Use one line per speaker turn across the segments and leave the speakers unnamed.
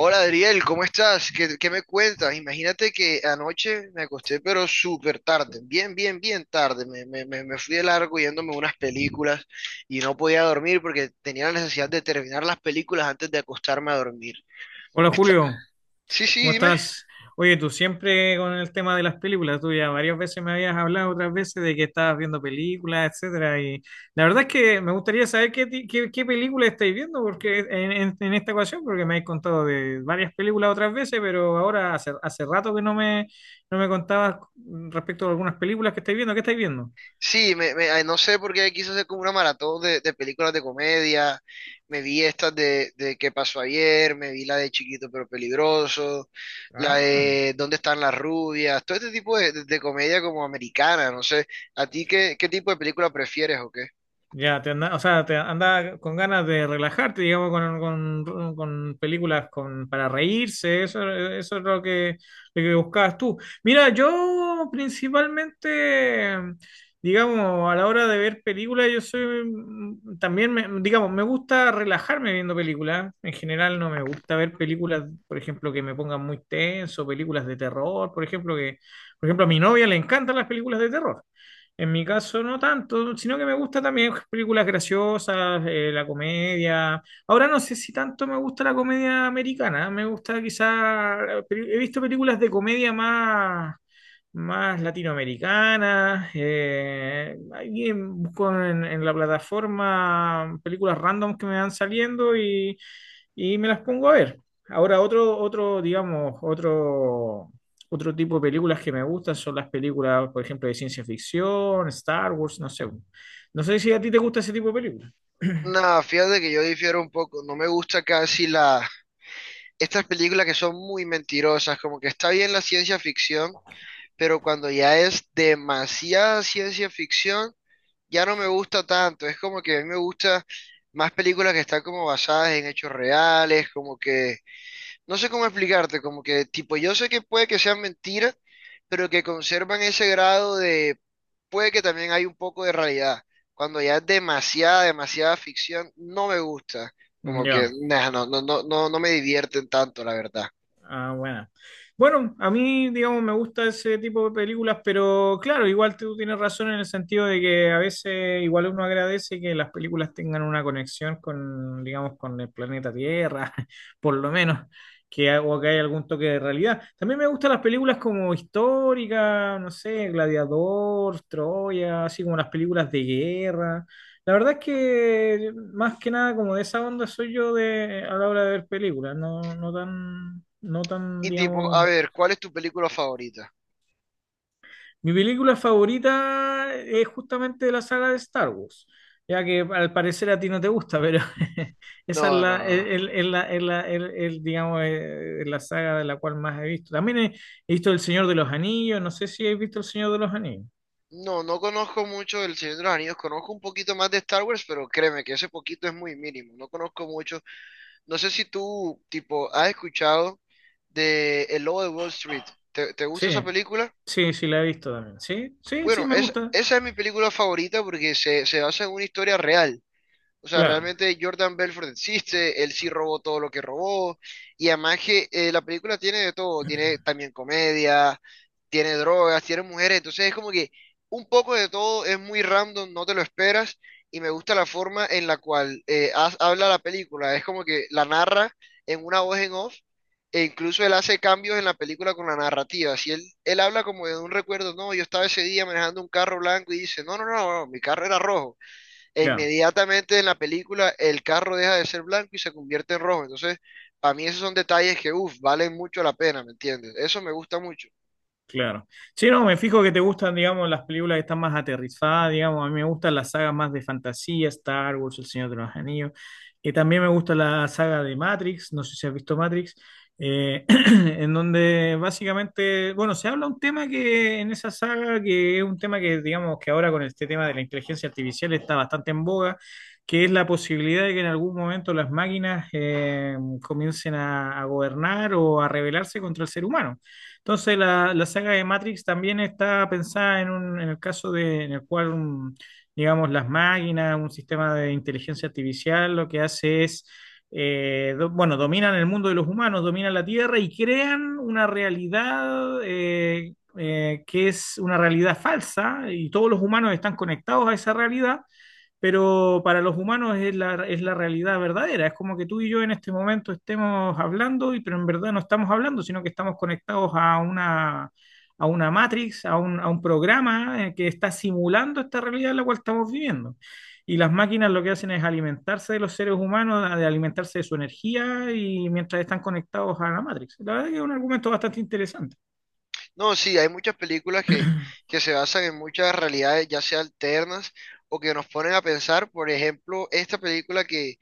Hola Adriel, ¿cómo estás? ¿Qué me cuentas? Imagínate que anoche me acosté pero súper tarde, bien tarde. Me fui de largo yéndome a unas películas y no podía dormir porque tenía la necesidad de terminar las películas antes de acostarme a dormir.
Hola
Me está-
Julio,
Sí, sí,
¿cómo
dime.
estás? Oye, tú siempre con el tema de las películas, tú ya varias veces me habías hablado otras veces de que estabas viendo películas, etcétera, y la verdad es que me gustaría saber qué, qué película estáis viendo porque en esta ocasión, porque me habéis contado de varias películas otras veces, pero ahora hace rato que no me contabas respecto a algunas películas que estáis viendo, ¿qué estáis viendo?
Sí, ay, no sé por qué quiso hacer como una maratón de películas de comedia. Me vi estas de ¿Qué pasó ayer? Me vi la de Chiquito pero peligroso, la
Ah.
de ¿Dónde están las rubias? Todo este tipo de comedia como americana, no sé. ¿A ti qué tipo de película prefieres o qué?
Ya, te anda, o sea, te anda con ganas de relajarte, digamos, con películas con, para reírse, eso es lo que buscabas tú. Mira, yo principalmente, digamos, a la hora de ver películas, yo soy, también, digamos, me gusta relajarme viendo películas. En general no me gusta ver películas, por ejemplo, que me pongan muy tenso, películas de terror, por ejemplo, que, por ejemplo, a mi novia le encantan las películas de terror. En mi caso, no tanto, sino que me gusta también películas graciosas, la comedia. Ahora no sé si tanto me gusta la comedia americana, me gusta quizá, he visto películas de comedia más, más latinoamericanas. Busco en la plataforma películas random que me van saliendo y me las pongo a ver. Ahora digamos, otro tipo de películas que me gustan son las películas, por ejemplo, de ciencia ficción, Star Wars, no sé. No sé si a ti te gusta ese tipo de películas.
No, fíjate que yo difiero un poco. No me gusta casi la... Estas películas que son muy mentirosas, como que está bien la ciencia ficción, pero cuando ya es demasiada ciencia ficción ya no me gusta tanto. Es como que a mí me gusta más películas que están como basadas en hechos reales, como que, no sé cómo explicarte, como que tipo, yo sé que puede que sean mentiras, pero que conservan ese grado de, puede que también hay un poco de realidad. Cuando ya es demasiada ficción, no me gusta. Como que,
Ya.
nah, no me divierten tanto, la verdad.
Ah, bueno. Bueno, a mí, digamos, me gusta ese tipo de películas, pero claro, igual tú tienes razón en el sentido de que a veces igual uno agradece que las películas tengan una conexión con, digamos, con el planeta Tierra, por lo menos, o que hay algún toque de realidad. También me gustan las películas como históricas, no sé, Gladiador, Troya, así como las películas de guerra. La verdad es que más que nada como de esa onda soy yo de a la hora de ver películas, no, no tan,
Y tipo, a
digamos.
ver, ¿cuál es tu película favorita?
Mi película favorita es justamente la saga de Star Wars, ya que al parecer a ti no te gusta, pero esa es
No,
la,
no.
el- la, el- la- el, digamos, la saga de la cual más he visto. He visto El Señor de los Anillos, no sé si has visto El Señor de los Anillos.
No, no conozco mucho del Señor de los Anillos, conozco un poquito más de Star Wars, pero créeme que ese poquito es muy mínimo, no conozco mucho. No sé si tú, tipo, has escuchado de El Lobo de Wall Street. ¿Te
Sí,
gusta esa película?
sí la he visto también. Sí, sí
Bueno,
me gusta.
esa es mi película favorita porque se basa en una historia real. O sea,
Claro,
realmente Jordan Belfort existe, él sí robó todo lo que robó, y además que la película tiene de todo, tiene también comedia, tiene drogas, tiene mujeres, entonces es como que un poco de todo es muy random, no te lo esperas, y me gusta la forma en la cual habla la película, es como que la narra en una voz en off, e incluso él hace cambios en la película con la narrativa, si él habla como de un recuerdo, no, yo estaba ese día manejando un carro blanco y dice, no, mi carro era rojo e
ya.
inmediatamente en la película el carro deja de ser blanco y se convierte en rojo. Entonces, para mí esos son detalles que, uff, valen mucho la pena, ¿me entiendes? Eso me gusta mucho.
Claro. Sí, no, me fijo que te gustan, digamos, las películas que están más aterrizadas, digamos, a mí me gustan las sagas más de fantasía, Star Wars, El Señor de los Anillos, y también me gusta la saga de Matrix, no sé si has visto Matrix, en donde básicamente, bueno, se habla un tema que en esa saga, que es un tema que, digamos, que ahora con este tema de la inteligencia artificial está bastante en boga, que es la posibilidad de que en algún momento las máquinas comiencen a gobernar o a rebelarse contra el ser humano. Entonces, la saga de Matrix también está pensada en el caso de, en el cual, digamos, las máquinas, un sistema de inteligencia artificial, lo que hace es, bueno, dominan el mundo de los humanos, dominan la Tierra y crean una realidad que es una realidad falsa y todos los humanos están conectados a esa realidad pero para los humanos es es la realidad verdadera. Es como que tú y yo en este momento estemos hablando, y, pero en verdad no estamos hablando, sino que estamos conectados a una matrix, a un programa que está simulando esta realidad en la cual estamos viviendo. Y las máquinas lo que hacen es alimentarse de los seres humanos, de alimentarse de su energía y mientras están conectados a la matrix. La verdad que es un argumento bastante interesante.
No, sí, hay muchas películas que se basan en muchas realidades, ya sea alternas o que nos ponen a pensar. Por ejemplo, esta película que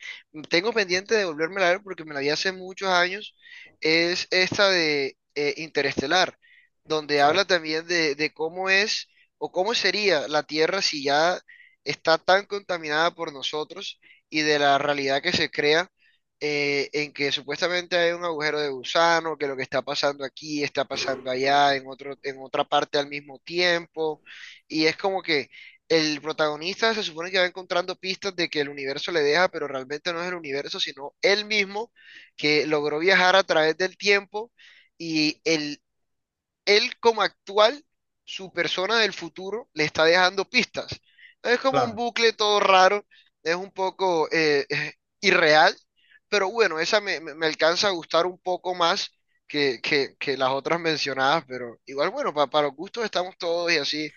tengo pendiente de volverme a ver porque me la vi hace muchos años, es esta de Interestelar, donde habla también de cómo es o cómo sería la Tierra si ya está tan contaminada por nosotros y de la realidad que se crea en que supuestamente hay un agujero de gusano, que lo que está pasando aquí está pasando allá, en otro, en otra parte al mismo tiempo, y es como que el protagonista se supone que va encontrando pistas de que el universo le deja, pero realmente no es el universo, sino él mismo que logró viajar a través del tiempo y el él como actual, su persona del futuro, le está dejando pistas. No. Es como un
Claro.
bucle todo raro, es un poco irreal, pero bueno, esa me alcanza a gustar un poco más que, que las otras mencionadas, pero igual, bueno, para los gustos estamos todos y así.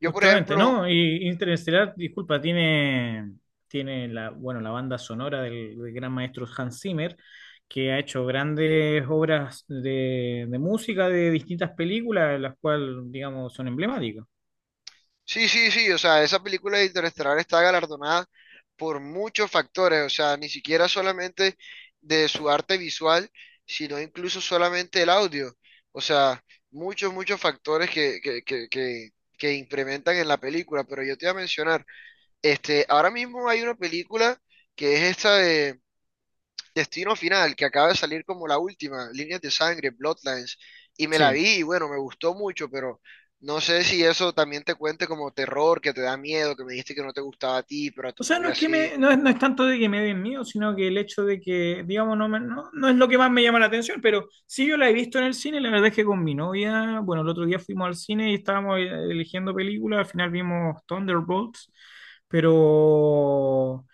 Yo, por
Justamente,
ejemplo,
¿no? Y Interestelar, disculpa, tiene, tiene la, bueno, la banda sonora del, del gran maestro Hans Zimmer, que ha hecho grandes obras de música de distintas películas, las cuales, digamos, son emblemáticas.
sí, sí, sí, o sea, esa película de Interestelar está galardonada por muchos factores, o sea, ni siquiera solamente de su arte visual, sino incluso solamente el audio, o sea, muchos factores que implementan en la película, pero yo te iba a mencionar, este, ahora mismo hay una película que es esta de Destino Final, que acaba de salir como la última, Líneas de Sangre, Bloodlines, y me la
Sí.
vi y bueno, me gustó mucho, pero no sé si eso también te cuente como terror, que te da miedo, que me dijiste que no te gustaba a ti, pero a
O
tu
sea,
novia sí.
no es, no es tanto de que me den miedo, sino que el hecho de que, digamos, no, no, no es lo que más me llama la atención, pero sí yo la he visto en el cine, la verdad es que con mi novia, bueno, el otro día fuimos al cine y estábamos eligiendo películas, al final vimos Thunderbolts, pero,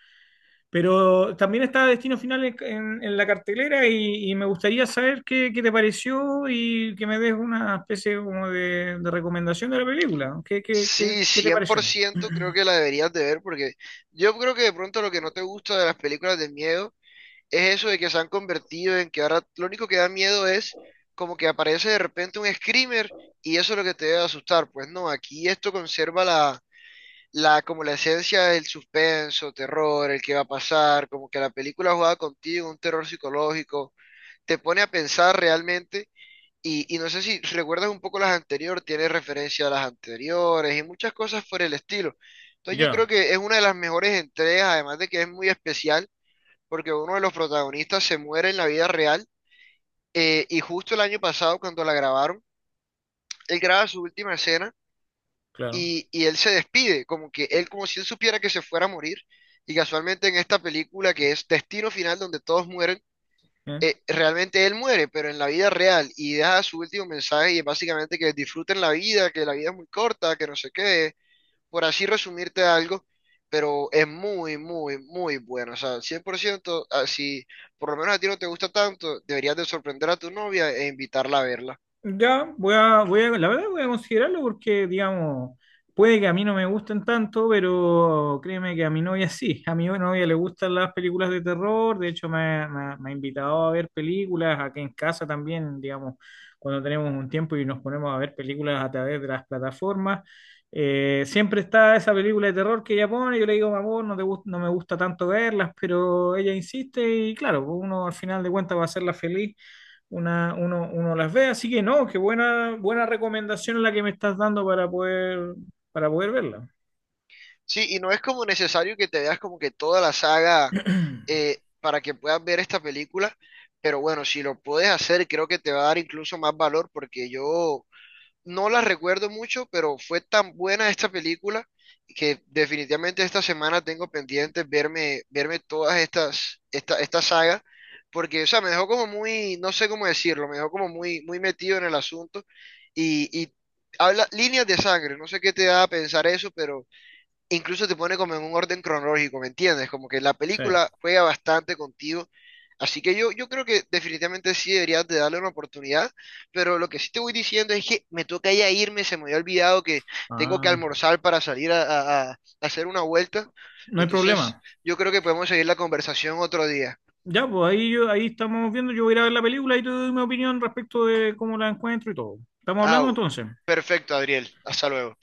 pero también estaba Destino Final en la cartelera y me gustaría saber qué, qué te pareció y que me des una especie como de recomendación de la película.
Sí,
Qué te
cien por
pareció?
ciento creo que la deberías de ver porque yo creo que de pronto lo que no te gusta de las películas de miedo es eso de que se han convertido en que ahora lo único que da miedo es como que aparece de repente un screamer y eso es lo que te debe asustar. Pues no, aquí esto conserva la la, como la esencia del suspenso, terror, el que va a pasar, como que la película jugada contigo, un terror psicológico, te pone a pensar realmente. Y no sé si recuerdas un poco las anteriores, tiene referencia a las anteriores y muchas cosas por el estilo. Entonces yo creo
Ya,
que es una de las mejores entregas, además de que es muy especial, porque uno de los protagonistas se muere en la vida real. Eh, y justo el año pasado, cuando la grabaron, él graba su última escena
claro.
y él se despide, como que él como si él supiera que se fuera a morir. Y casualmente en esta película que es Destino Final, donde todos mueren,
¿Eh?
realmente él muere, pero en la vida real y deja su último mensaje y es básicamente que disfruten la vida, que la vida es muy corta, que no sé qué, por así resumirte algo, pero es muy bueno. O sea, 100%, ah, si por lo menos a ti no te gusta tanto, deberías de sorprender a tu novia e invitarla a verla.
Ya, voy a, la verdad voy a considerarlo porque, digamos, puede que a mí no me gusten tanto, pero créeme que a mi novia sí, a mi novia le gustan las películas de terror, de hecho me ha invitado a ver películas, aquí en casa también, digamos, cuando tenemos un tiempo y nos ponemos a ver películas a través de las plataformas, siempre está esa película de terror que ella pone, yo le digo, amor, no me gusta tanto verlas, pero ella insiste y claro, pues, uno al final de cuentas va a hacerla feliz uno las ve, así que no, buena recomendación la que me estás dando para poder verla.
Sí, y no es como necesario que te veas como que toda la saga para que puedas ver esta película, pero bueno, si lo puedes hacer, creo que te va a dar incluso más valor porque yo no la recuerdo mucho, pero fue tan buena esta película que definitivamente esta semana tengo pendiente verme, verme todas estas, esta saga, porque, o sea, me dejó como muy, no sé cómo decirlo, me dejó como muy metido en el asunto y habla líneas de sangre, no sé qué te da a pensar eso, pero incluso te pone como en un orden cronológico, ¿me entiendes? Como que la
Sí.
película juega bastante contigo. Así que yo creo que definitivamente sí deberías de darle una oportunidad, pero lo que sí te voy diciendo es que me toca ya irme, se me había olvidado que tengo que
Ah,
almorzar para salir a, a hacer una vuelta.
no hay
Entonces,
problema.
yo creo que podemos seguir la conversación otro día.
Ya, pues ahí yo, ahí estamos viendo, yo voy a ir a ver la película y te doy mi opinión respecto de cómo la encuentro y todo. ¿Estamos
Ah,
hablando entonces?
perfecto, Adriel. Hasta luego.